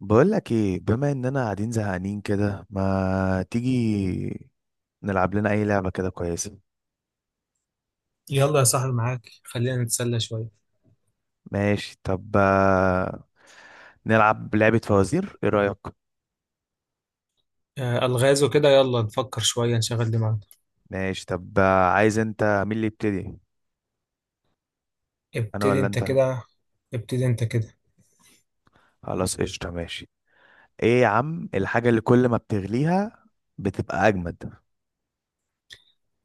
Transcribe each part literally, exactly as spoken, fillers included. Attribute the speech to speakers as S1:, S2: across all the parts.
S1: بقول لك ايه، بما اننا قاعدين زهقانين كده، ما تيجي نلعب لنا اي لعبة كده كويسة؟
S2: يلا يا صاحبي، معاك، خلينا نتسلى شوية.
S1: ماشي طب، آه، نلعب لعبة فوازير، ايه رأيك؟
S2: آه، ألغاز وكده، يلا نفكر شوية نشغل دماغنا.
S1: ماشي طب، آه، عايز انت مين اللي يبتدي، انا
S2: ابتدي
S1: ولا
S2: انت
S1: انت؟
S2: كده. ابتدي انت كده.
S1: خلاص قشطة، ماشي. ايه يا عم الحاجة اللي كل ما بتغليها بتبقى اجمد؟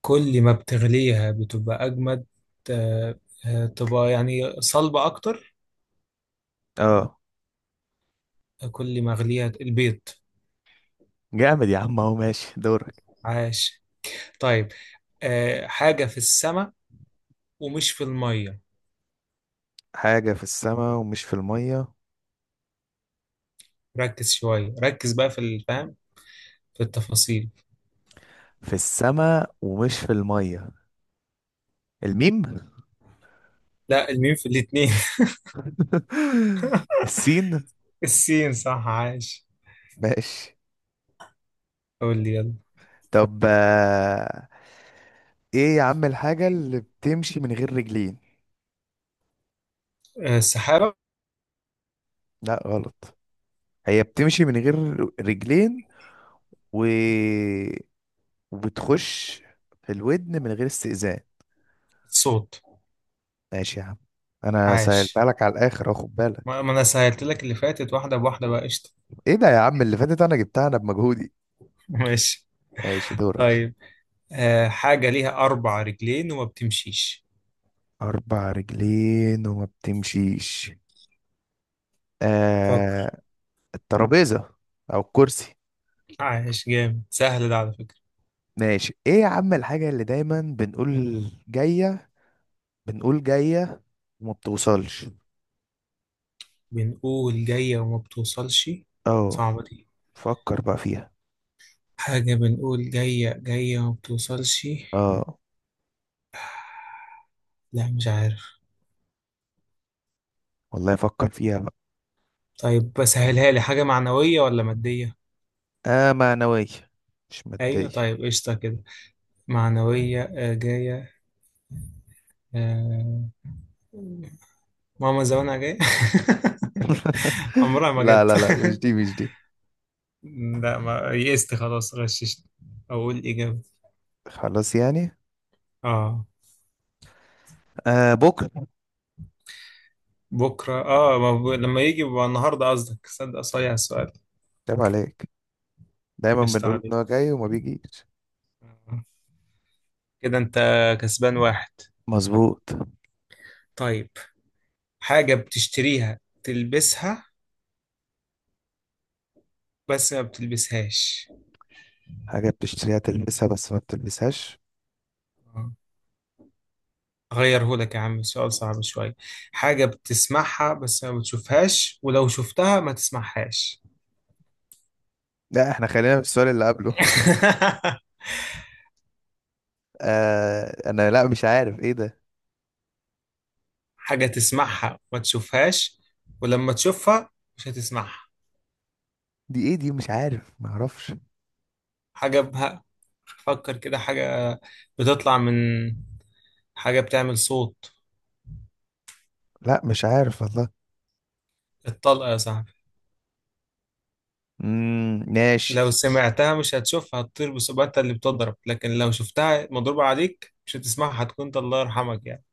S2: كل ما بتغليها بتبقى أجمد. آه، آه، تبقى يعني صلبة أكتر.
S1: اه.
S2: كل ما أغليها البيض.
S1: جامد يا عم، اهو ماشي دورك.
S2: عاش. طيب، آه، حاجة في السماء ومش في المية.
S1: حاجة في السماء ومش في المية.
S2: ركز شوية، ركز بقى في الفهم، في التفاصيل.
S1: في السماء ومش في المية، الميم؟
S2: لا، الميم في الاتنين.
S1: السين.
S2: السين، صح، عاش.
S1: ماشي
S2: قول لي يلا.
S1: طب، آه، ايه يا عم الحاجة اللي بتمشي من غير رجلين؟
S2: آه، السحابة.
S1: لا غلط. هي بتمشي من غير رجلين و... وبتخش في الودن من غير استئذان.
S2: صوت.
S1: ماشي يا عم، انا سألتها
S2: عاش.
S1: لك على الاخر اهو، خد بالك.
S2: ما ما انا سهلت لك اللي فاتت، واحده بواحده بقى، قشطه.
S1: ايه ده يا عم، اللي فاتت انا جبتها، انا بمجهودي.
S2: ماشي.
S1: ماشي، دورك.
S2: طيب، آه حاجه ليها اربع رجلين وما بتمشيش.
S1: اربع رجلين وما بتمشيش.
S2: فكر.
S1: آه... الترابيزة، او الكرسي.
S2: عايش، جامد، سهل ده على فكره.
S1: ماشي. ايه يا عم الحاجة اللي دايما بنقول جاية، بنقول جاية وما بتوصلش؟
S2: بنقول جايه وما بتوصلش.
S1: اه،
S2: صعبه دي.
S1: فكر بقى فيها.
S2: حاجه بنقول جايه جايه وما بتوصلش.
S1: اه
S2: لا مش عارف.
S1: والله، فكر فيها بقى.
S2: طيب، بسهلها لي، حاجه معنويه ولا ماديه؟
S1: اه، معنوية مش
S2: ايوه،
S1: مادية.
S2: طيب قشطه كده. معنويه، آه جايه. آه. ماما زمانها جايه. عمرها ما
S1: لا
S2: جت
S1: لا لا، مش دي مش دي.
S2: لا، ما يئست خلاص، غششت، اقول اجابه.
S1: خلاص يعني.
S2: اه.
S1: آه، بكرة.
S2: بكره، اه ما ب... لما يجي بقى النهارده، قصدك، صدق صايع السؤال.
S1: عيب عليك، دايما
S2: قشطة
S1: بنقول ان
S2: عليك.
S1: هو جاي وما بيجيش.
S2: آه. كده انت كسبان واحد.
S1: مظبوط.
S2: طيب، حاجه بتشتريها تلبسها بس ما بتلبسهاش.
S1: حاجة بتشتريها تلبسها بس ما بتلبسهاش.
S2: آه. اغيره لك يا عم، سؤال صعب شويه، حاجه بتسمعها بس ما بتشوفهاش، ولو شفتها ما تسمعهاش.
S1: لا، احنا خلينا في السؤال اللي قبله. آه انا، لا مش عارف ايه ده.
S2: حاجه تسمعها ما تشوفهاش، ولما تشوفها مش هتسمعها.
S1: دي ايه دي؟ مش عارف، ما اعرفش.
S2: حاجة بها فكر كده، حاجة بتطلع من حاجة بتعمل صوت.
S1: لا مش عارف والله.
S2: الطلقة يا صاحبي.
S1: امم ماشي.
S2: لو سمعتها مش هتشوفها، هتطير بسرعة اللي بتضرب، لكن لو شفتها مضروبة عليك مش هتسمعها، هتكون ده الله يرحمك يعني.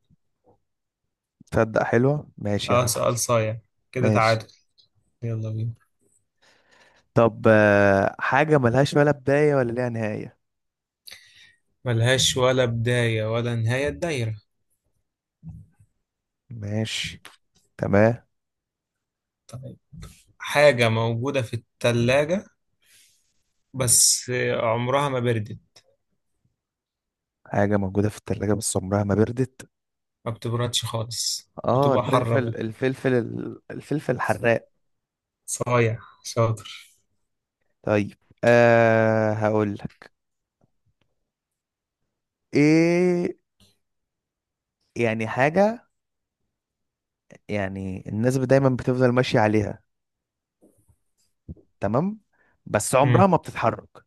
S1: تصدق حلوة، ماشي يا
S2: اه،
S1: عم.
S2: سؤال صايع. كده
S1: ماشي
S2: تعادل. يلا بينا.
S1: طب، آه، حاجة ملهاش ولا بداية ولا ليها نهاية.
S2: ملهاش ولا بداية ولا نهاية، الدايرة.
S1: ماشي، تمام.
S2: طيب، حاجة موجودة في التلاجة بس عمرها ما بردت.
S1: حاجة موجودة في التلاجة بس عمرها ما بردت.
S2: ما بتبردش خالص،
S1: اه،
S2: بتبقى
S1: الفلفل،
S2: حرة بقى.
S1: الفلفل، الفلفل الحراق.
S2: صايع، شاطر.
S1: طيب، آه هقول لك ايه. يعني حاجة، يعني الناس دايما بتفضل ماشية عليها، تمام؟ بس
S2: مم.
S1: عمرها ما بتتحرك،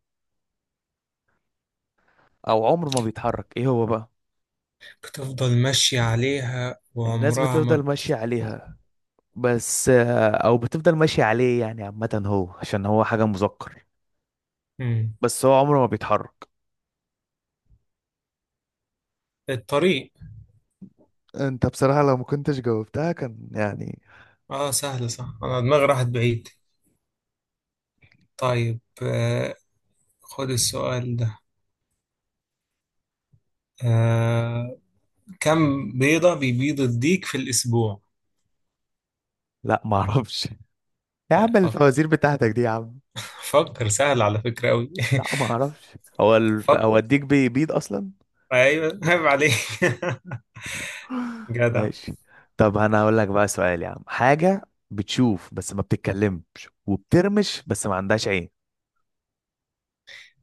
S1: او عمر ما بيتحرك، ايه هو بقى؟
S2: بتفضل ماشية عليها
S1: الناس
S2: وعمرها ما
S1: بتفضل
S2: بت...
S1: ماشية عليها بس، آه، او بتفضل ماشي عليه، يعني عامة هو عشان هو حاجة مذكر.
S2: مم.
S1: بس هو عمره ما بيتحرك.
S2: الطريق.
S1: انت بصراحة لو ما كنتش جاوبتها كان يعني.
S2: اه سهل، صح، انا دماغي راحت بعيد. طيب، آه خد السؤال ده. آه كم بيضة بيبيض الديك في الأسبوع؟
S1: لا ما اعرفش يا
S2: لا،
S1: عم، الفوازير
S2: فكر،
S1: بتاعتك دي يا عم!
S2: فكر سهل على فكرة أوي.
S1: لا ما اعرفش، هو الف...
S2: فكر.
S1: هو الديك بيبيض اصلا؟
S2: أيوه، عيب عليك. جدع.
S1: ماشي طب، انا هقول لك بقى سؤال يا عم. حاجة بتشوف بس ما بتتكلمش، وبترمش بس ما عندهاش عين.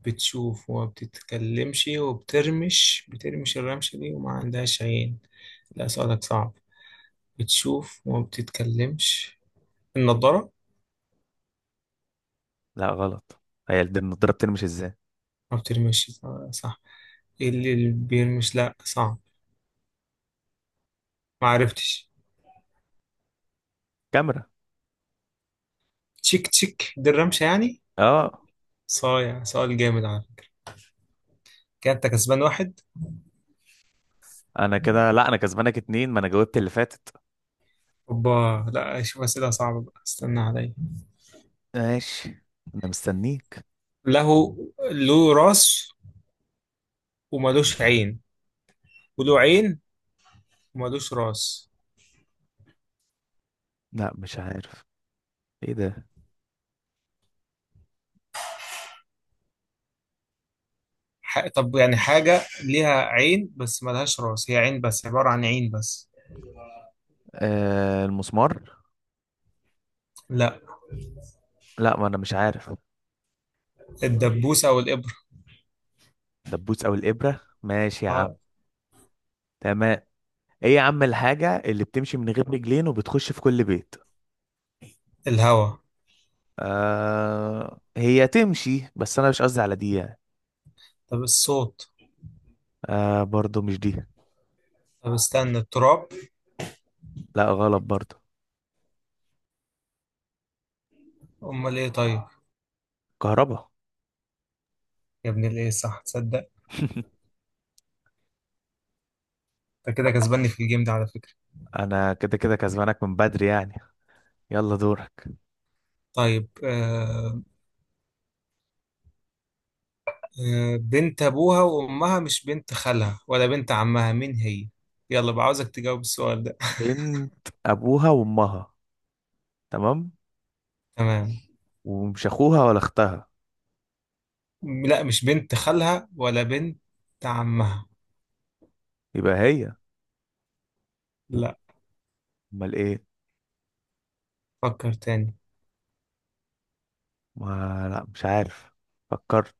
S2: بتشوف وما بتتكلمش وبترمش، بترمش الرمشة دي وما عندهاش عين؟ لا سؤالك صعب. بتشوف وما بتتكلمش، النضارة.
S1: لا غلط، هي الد- النضاره بترمش ازاي؟
S2: ما بترمش، آه، صح. اللي اللي بيرمش، لا صعب، ما عرفتش.
S1: كاميرا.
S2: تشيك تشيك دي الرمشة يعني.
S1: اه.
S2: صايع، سؤال جامد على فكرة. كده انت كسبان واحد.
S1: انا كده، لا، انا كسبانك اتنين، ما انا جاوبت اللي فاتت.
S2: اوبا. لا اشوف اسئلة صعبة بقى، استنى عليا.
S1: ماشي، انا مستنيك.
S2: له له راس وملوش عين، وله عين وملوش راس.
S1: لا مش عارف، ايه ده؟
S2: ح... طب يعني حاجة ليها عين بس ملهاش راس، هي عين بس، عبارة عن عين بس.
S1: آه، المسمار.
S2: لا.
S1: لا، ما انا مش عارف.
S2: الدبوسة أو الإبرة.
S1: دبوس او الابره، ماشي يا عم.
S2: آه.
S1: تمام. ايه يا عم الحاجه اللي بتمشي من غير رجلين وبتخش في كل بيت؟
S2: الهوا.
S1: آه، هي تمشي بس انا مش قصدي على دي يعني.
S2: طب الصوت.
S1: آه، برضو مش دي.
S2: طب استنى، التراب.
S1: لا غلط برضو.
S2: أمال إيه طيب.
S1: كهربا.
S2: يا ابن الايه، صح، تصدق. انت كده كسباني في الجيم ده على فكرة.
S1: انا كده كده كسبانك من بدري يعني. يلا دورك.
S2: طيب، آه آه بنت ابوها وامها، مش بنت خالها ولا بنت عمها، مين هي؟ يلا بقى، عاوزك تجاوب السؤال ده.
S1: بنت ابوها وامها، تمام،
S2: تمام.
S1: ومش اخوها ولا اختها.
S2: لا مش بنت خالها ولا بنت عمها.
S1: يبقى هي،
S2: لا،
S1: امال ايه؟
S2: فكر تاني.
S1: ما لا مش عارف، فكرت.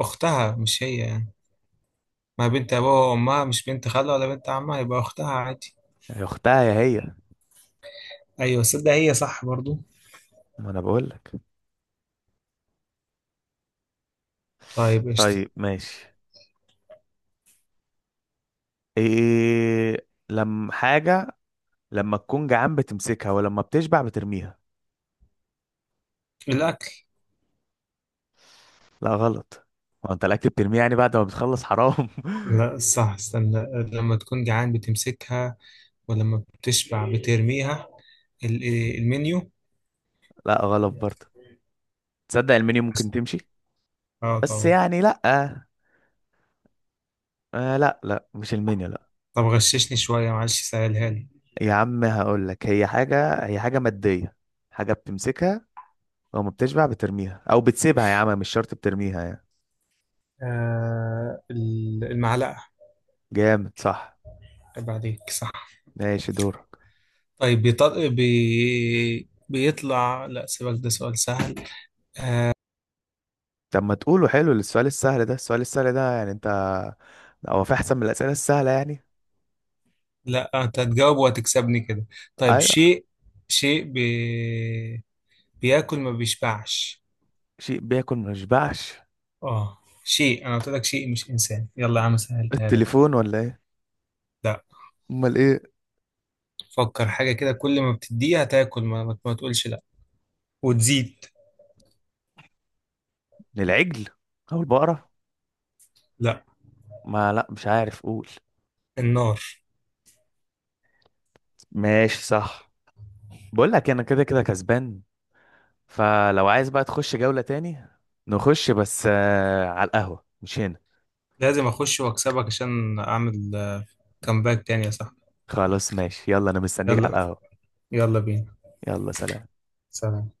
S2: اختها مش هي يعني؟ ما بنت ابوها وامها مش بنت خالها ولا بنت عمها، يبقى اختها عادي.
S1: يا اختها يا هي.
S2: ايوه، صدق، هي صح برضو.
S1: ما انا بقول لك.
S2: طيب قشطة.
S1: طيب ماشي. ايه لما حاجة، لما تكون جعان بتمسكها ولما بتشبع بترميها؟
S2: الاكل.
S1: لا غلط. هو انت الاكل بترميه يعني بعد ما بتخلص؟ حرام.
S2: لا صح، استنى. لما تكون جعان بتمسكها ولما بتشبع بترميها، ال- إيه، المنيو.
S1: لا غلط برضه. تصدق المنيو ممكن تمشي
S2: اه
S1: بس
S2: طبعا.
S1: يعني لا، آه آه، لا لا مش المنيو لا.
S2: طب غششني شوية، معلش سهلها لي.
S1: يا عم هقول لك. هي حاجة هي حاجة مادية، حاجة بتمسكها، وما بتشبع بترميها او بتسيبها يا عم، مش شرط بترميها يعني.
S2: آه ال- المعلقة.
S1: جامد صح.
S2: عيب عليك، صح.
S1: ماشي، دورك.
S2: طيب، بيطل... بي... بيطلع، لا سيبك، ده سؤال سهل.
S1: طب ما تقوله حلو السؤال السهل ده، السؤال السهل ده يعني انت، هو في احسن من الاسئله السهله يعني؟
S2: لا، انت هتجاوب وهتكسبني كده. طيب،
S1: ايوه.
S2: شيء، شيء بي... بياكل ما بيشبعش.
S1: شيء بياكل ما يشبعش؟
S2: اه. شيء، انا قلت لك شيء مش انسان، يلا يا عم، سهلتها لك أهو.
S1: التليفون ولا ايه؟
S2: لا.
S1: امال ايه؟
S2: فكر، حاجة كده كل ما بتديها تاكل ما, ما تقولش لا، وتزيد.
S1: العجل، او البقره.
S2: لا.
S1: ما لا مش عارف، قول.
S2: النار.
S1: ماشي صح. بقول لك انا كده كده كسبان، فلو عايز بقى تخش جوله تاني. نخش، بس آه على القهوه مش هنا.
S2: لازم اخش واكسبك عشان اعمل آه، كامباك تاني يا صاحبي.
S1: خلاص ماشي، يلا انا مستنيك على
S2: يلا،
S1: القهوه.
S2: يلا بينا.
S1: يلا سلام.
S2: سلام.